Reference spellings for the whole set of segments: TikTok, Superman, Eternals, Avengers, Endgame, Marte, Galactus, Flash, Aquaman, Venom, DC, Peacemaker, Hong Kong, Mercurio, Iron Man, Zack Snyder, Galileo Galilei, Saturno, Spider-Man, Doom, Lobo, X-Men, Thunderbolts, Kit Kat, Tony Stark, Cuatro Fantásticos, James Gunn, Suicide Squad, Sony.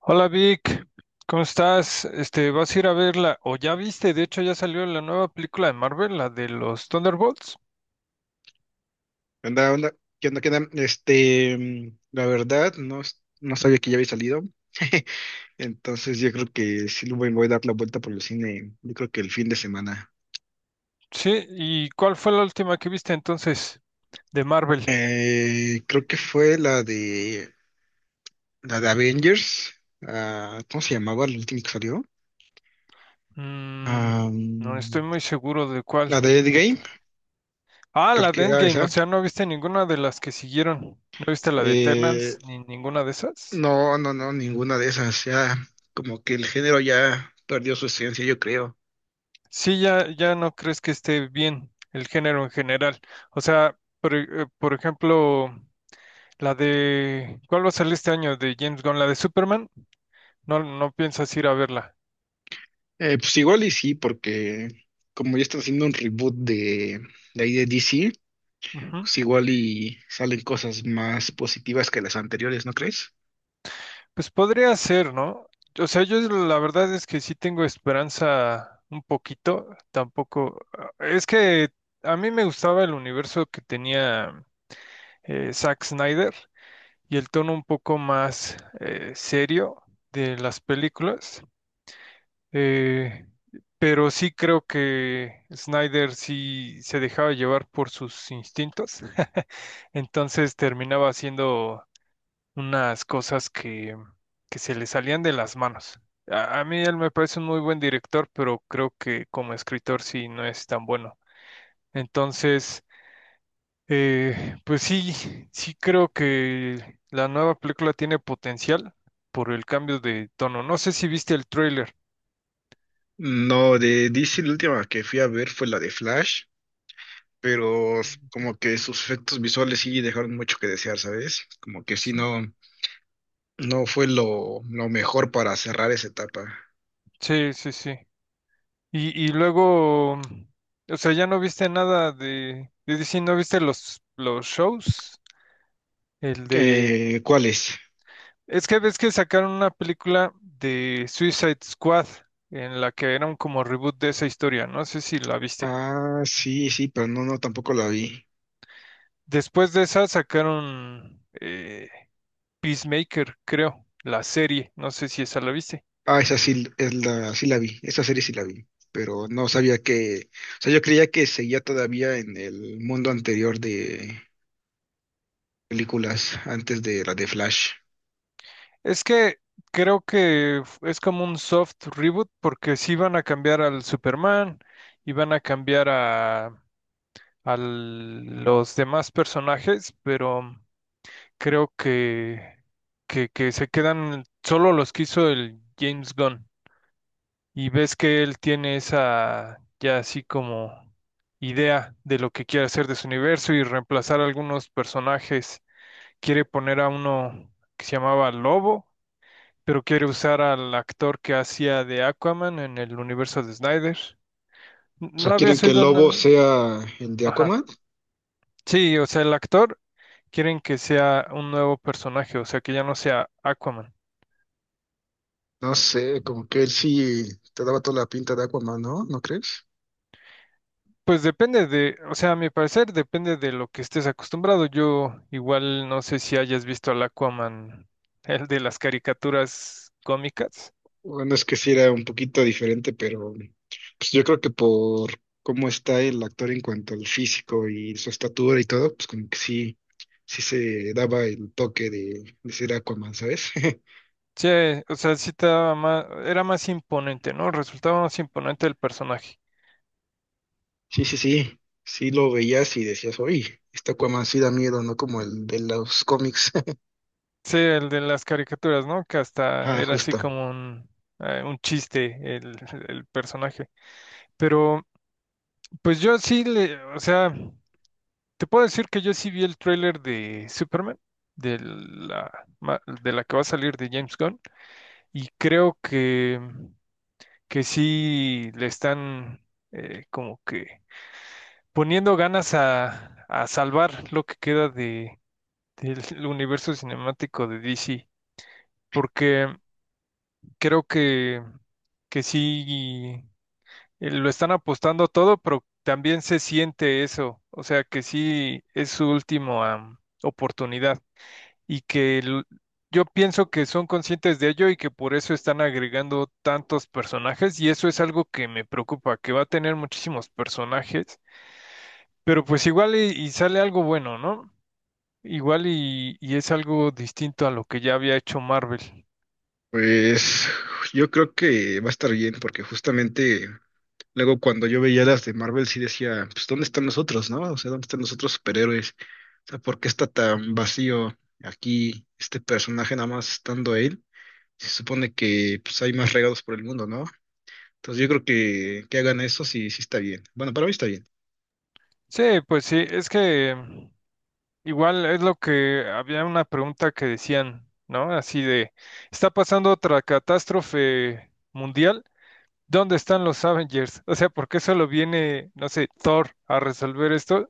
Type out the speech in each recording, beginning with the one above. Hola Vic, ¿cómo estás? ¿Vas a ir a verla? O ya viste, de hecho ya salió la nueva película de Marvel, la de los Thunderbolts. ¿Qué onda, onda? ¿Qué onda, qué onda? La verdad, no, no sabía que ya había salido. Entonces yo creo que sí le voy, voy a dar la vuelta por el cine, yo creo que el fin de semana. Sí, ¿y cuál fue la última que viste entonces de Marvel? Creo que fue la de Avengers. Ah, ¿cómo se llamaba el último que salió? Mm, Ah, no estoy mm, muy seguro de cuál. la de de Endgame, to- ah, creo la de que era Endgame, esa. o sea, no viste ninguna de las que siguieron. ¿No viste la de Eternals Eh, ni ninguna de esas? no, no, no, ninguna de esas. Ya, como que el género ya perdió su esencia, yo creo. Sí, ya, ya no crees que esté bien el género en general. O sea, por ejemplo. La de ¿cuál va a salir este año de James Gunn? ¿La de Superman? No, no piensas ir a verla. Pues igual y sí, porque como ya están haciendo un reboot de ahí de DC, Ujú. pues igual y salen cosas más positivas que las anteriores, ¿no crees? Pues podría ser, ¿no? O sea, yo la verdad es que sí tengo esperanza un poquito. Tampoco es que a mí me gustaba el universo que tenía Zack Snyder y el tono un poco más serio de las películas. Eh, pero sí creo que Snyder sí se dejaba llevar por sus instintos. Entonces terminaba haciendo unas que se le salían de las manos. A mí él me parece un muy buen director, pero creo que como escritor sí no es tan bueno. Entonces, pues sí, sí creo que la nueva película tiene potencial por el cambio de tono. No sé si viste el tráiler. No, de DC la última que fui a ver fue la de Flash, pero como que sus efectos visuales sí dejaron mucho que desear, ¿sabes? Como que sí Sí, no, no fue lo mejor para cerrar esa etapa. sí, sí, sí. Y luego, o sea, ya no viste nada de DC, no viste los shows, el de... ¿Cuál es? Es que ves que sacaron una película de Suicide Squad en la que era un como reboot de esa historia, no sé si la viste. Ah, sí, sí, pero no, no, tampoco la vi. Después de esa sacaron Peacemaker, creo, la serie, no sé si esa la viste. Ah, esa sí, sí la vi, esa serie sí la vi, pero no sabía que, o sea, yo creía que seguía todavía en el mundo anterior de películas, antes de la de Flash. Es que creo que es como un soft reboot porque sí van a cambiar al Superman, y van a cambiar a los demás personajes, pero creo que se quedan solo los que hizo el James Gunn. Y ves que él tiene esa ya así como idea de lo que quiere hacer de su universo y reemplazar algunos personajes. Quiere poner a uno que se llamaba Lobo, pero quiere usar al actor que hacía de Aquaman en el universo de Snyder. O ¿No sea, ¿quieren habías que el oído lobo nada? sea el de Ajá. Aquaman? Sí, o sea, el actor quieren que sea un nuevo personaje, o sea, que ya no sea Aquaman. No sé, como que él sí te daba toda la pinta de Aquaman, ¿no? ¿No crees? Pues depende de, o sea, a mi parecer depende de lo que estés acostumbrado. Yo igual no sé si hayas visto al Aquaman, el de las caricaturas cómicas. Bueno, es que sí era un poquito diferente, pero pues yo creo que por cómo está el actor en cuanto al físico y su estatura y todo, pues como que sí, sí se daba el toque de ser Aquaman, ¿sabes? Sí, o sea, sí te daba más, era más imponente, ¿no? Resultaba más imponente el personaje. Sí, sí, sí, sí lo veías y decías, oye, este Aquaman sí da miedo, ¿no? Como el de los cómics. Sí, el de las caricaturas, ¿no? Que hasta Ah, era así justo. como un chiste el personaje. Pero, pues yo sí le, o sea, te puedo decir que yo sí vi el tráiler de Superman, de de la que va a salir de James Gunn, y creo que sí le están como que poniendo ganas a salvar lo que queda del universo cinemático de DC, porque creo que sí lo están apostando todo, pero también se siente eso, o sea que sí es su última oportunidad. y que el- yo pienso que son conscientes de ello y que por eso están agregando tantos personajes y eso es algo que me preocupa, que va a tener muchísimos personajes, pero pues igual y sale algo bueno, ¿no? Igual y es algo distinto a lo que ya había hecho Marvel. Pues yo creo que va a estar bien porque justamente luego cuando yo veía las de Marvel sí decía, pues ¿dónde están nosotros, no? O sea, ¿dónde están los otros superhéroes? O sea, ¿por qué está tan vacío aquí este personaje nada más estando él? Se supone que pues hay más regados por el mundo, ¿no? Entonces yo creo que hagan eso sí, sí está bien. Bueno, para mí está bien. Sí, pues sí, es que igual es lo que había una pregunta que decían, ¿no? Así de, ¿está pasando otra catástrofe mundial? ¿Dónde están los Avengers? O sea, ¿por qué solo viene, no sé, Thor a resolver esto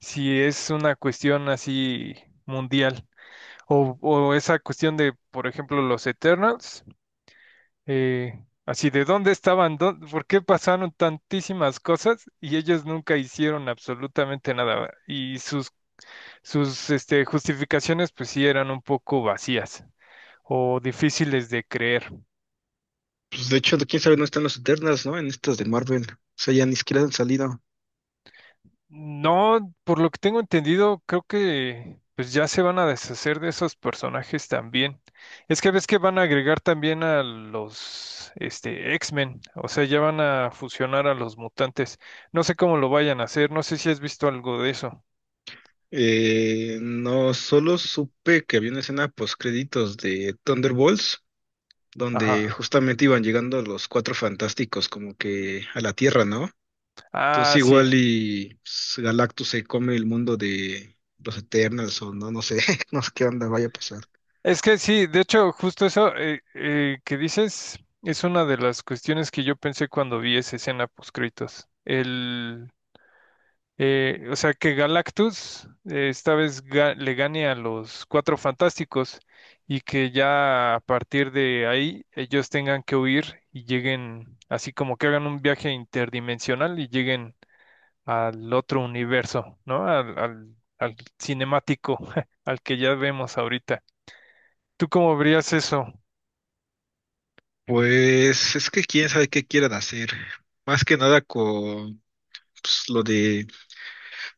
si es una cuestión así mundial? O esa cuestión de, por ejemplo, los Eternals, así de dónde estaban, ¿por qué pasaron tantísimas cosas y ellos nunca hicieron absolutamente nada? Sus este, justificaciones, pues sí, eran un poco vacías o difíciles de creer. Pues de hecho, quién sabe, no están los Eternas, ¿no? En estas de Marvel. O sea, ya ni siquiera han salido. No, por lo que tengo entendido, creo que pues ya se van a deshacer de esos personajes también. Es que ves que van a agregar también a los este X-Men, o sea, ya van a fusionar a los mutantes. No sé cómo lo vayan a hacer, no sé si has visto algo de eso. No, solo supe que había una escena post créditos de Thunderbolts Ajá. donde justamente iban llegando los cuatro fantásticos como que a la Tierra, ¿no? Entonces Ah, sí. igual y pues, Galactus se come el mundo de los Eternals o no, no sé, no sé qué onda vaya a pasar. Es que sí, de hecho, justo eso que dices es una de las cuestiones que yo pensé cuando vi esa escena post-créditos. O sea, que Galactus esta vez le gane a los Cuatro Fantásticos y que ya a partir de ahí ellos tengan que huir y lleguen, así como que hagan un viaje interdimensional y lleguen al otro universo, ¿no? Al cinemático, al que ya vemos ahorita. ¿Tú cómo verías eso? Pues es que quién sabe qué quieran hacer. Más que nada con pues,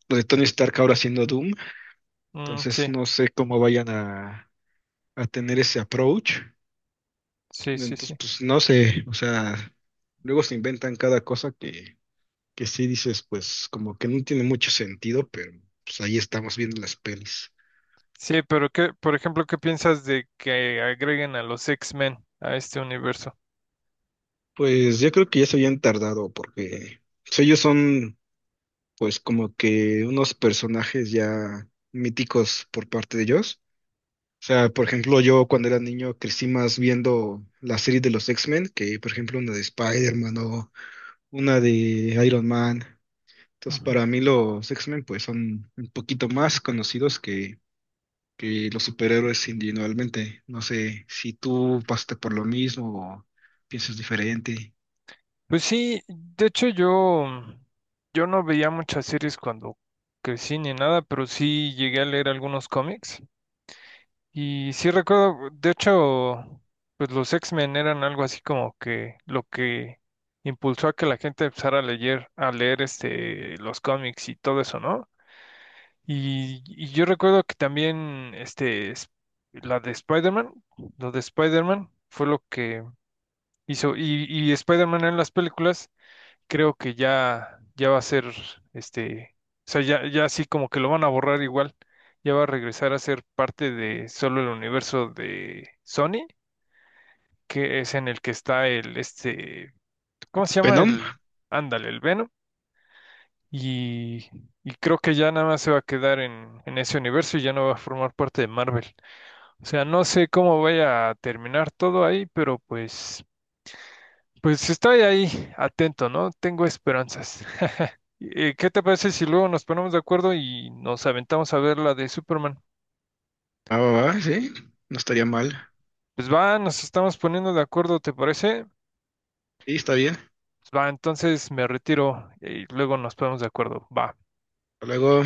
lo de Tony Stark ahora haciendo Doom. Mm, Entonces sí, no sé cómo vayan a tener ese approach. sí, sí, Entonces, sí. pues no sé, o sea, luego se inventan cada cosa que sí dices, pues como que no tiene mucho sentido, pero pues ahí estamos viendo las pelis. Sí, pero qué, por ejemplo, ¿qué piensas de que agreguen a los X-Men a este universo? Pues yo creo que ya se habían tardado porque pues, ellos son pues como que unos personajes ya míticos por parte de ellos. O sea, por ejemplo, yo cuando era niño crecí más viendo la serie de los X-Men, que por ejemplo una de Spider-Man o una de Iron Man. Entonces, Ujú. para mí los X-Men pues son un poquito más conocidos que los superhéroes individualmente. No sé si tú pasaste por lo mismo o piensas diferente. Pues sí, de hecho yo no veía muchas series cuando crecí ni nada, pero sí llegué a leer algunos cómics. Y sí recuerdo, de hecho, pues los X-Men eran algo así como que lo que impulsó a que la gente empezara a leer este, los cómics y todo eso, ¿no? Y yo recuerdo que también este, la de Spider-Man, lo de Spider-Man fue lo que hizo, y Spider-Man en las películas, creo que ya, ya va a ser, este, o sea, ya, ya así como que lo van a borrar igual, ya va a regresar a ser parte de solo el universo de Sony, que es en el que está el, este, ¿cómo se llama? Venom, El, ándale, el Venom, y, y creo que ya nada más se va a quedar en ese universo y ya no va a formar parte de Marvel. O sea, no sé cómo vaya a terminar todo ahí, pero pues pues estoy ahí atento, ¿no? Tengo esperanzas. ¿Qué te parece si luego nos ponemos de acuerdo y nos aventamos a ver la de Superman? ah, va, va, sí, no estaría mal. Pues va, nos estamos poniendo de acuerdo, ¿te parece? Sí, está bien. Hasta Pues va, entonces me retiro y luego nos ponemos de acuerdo. Va. luego.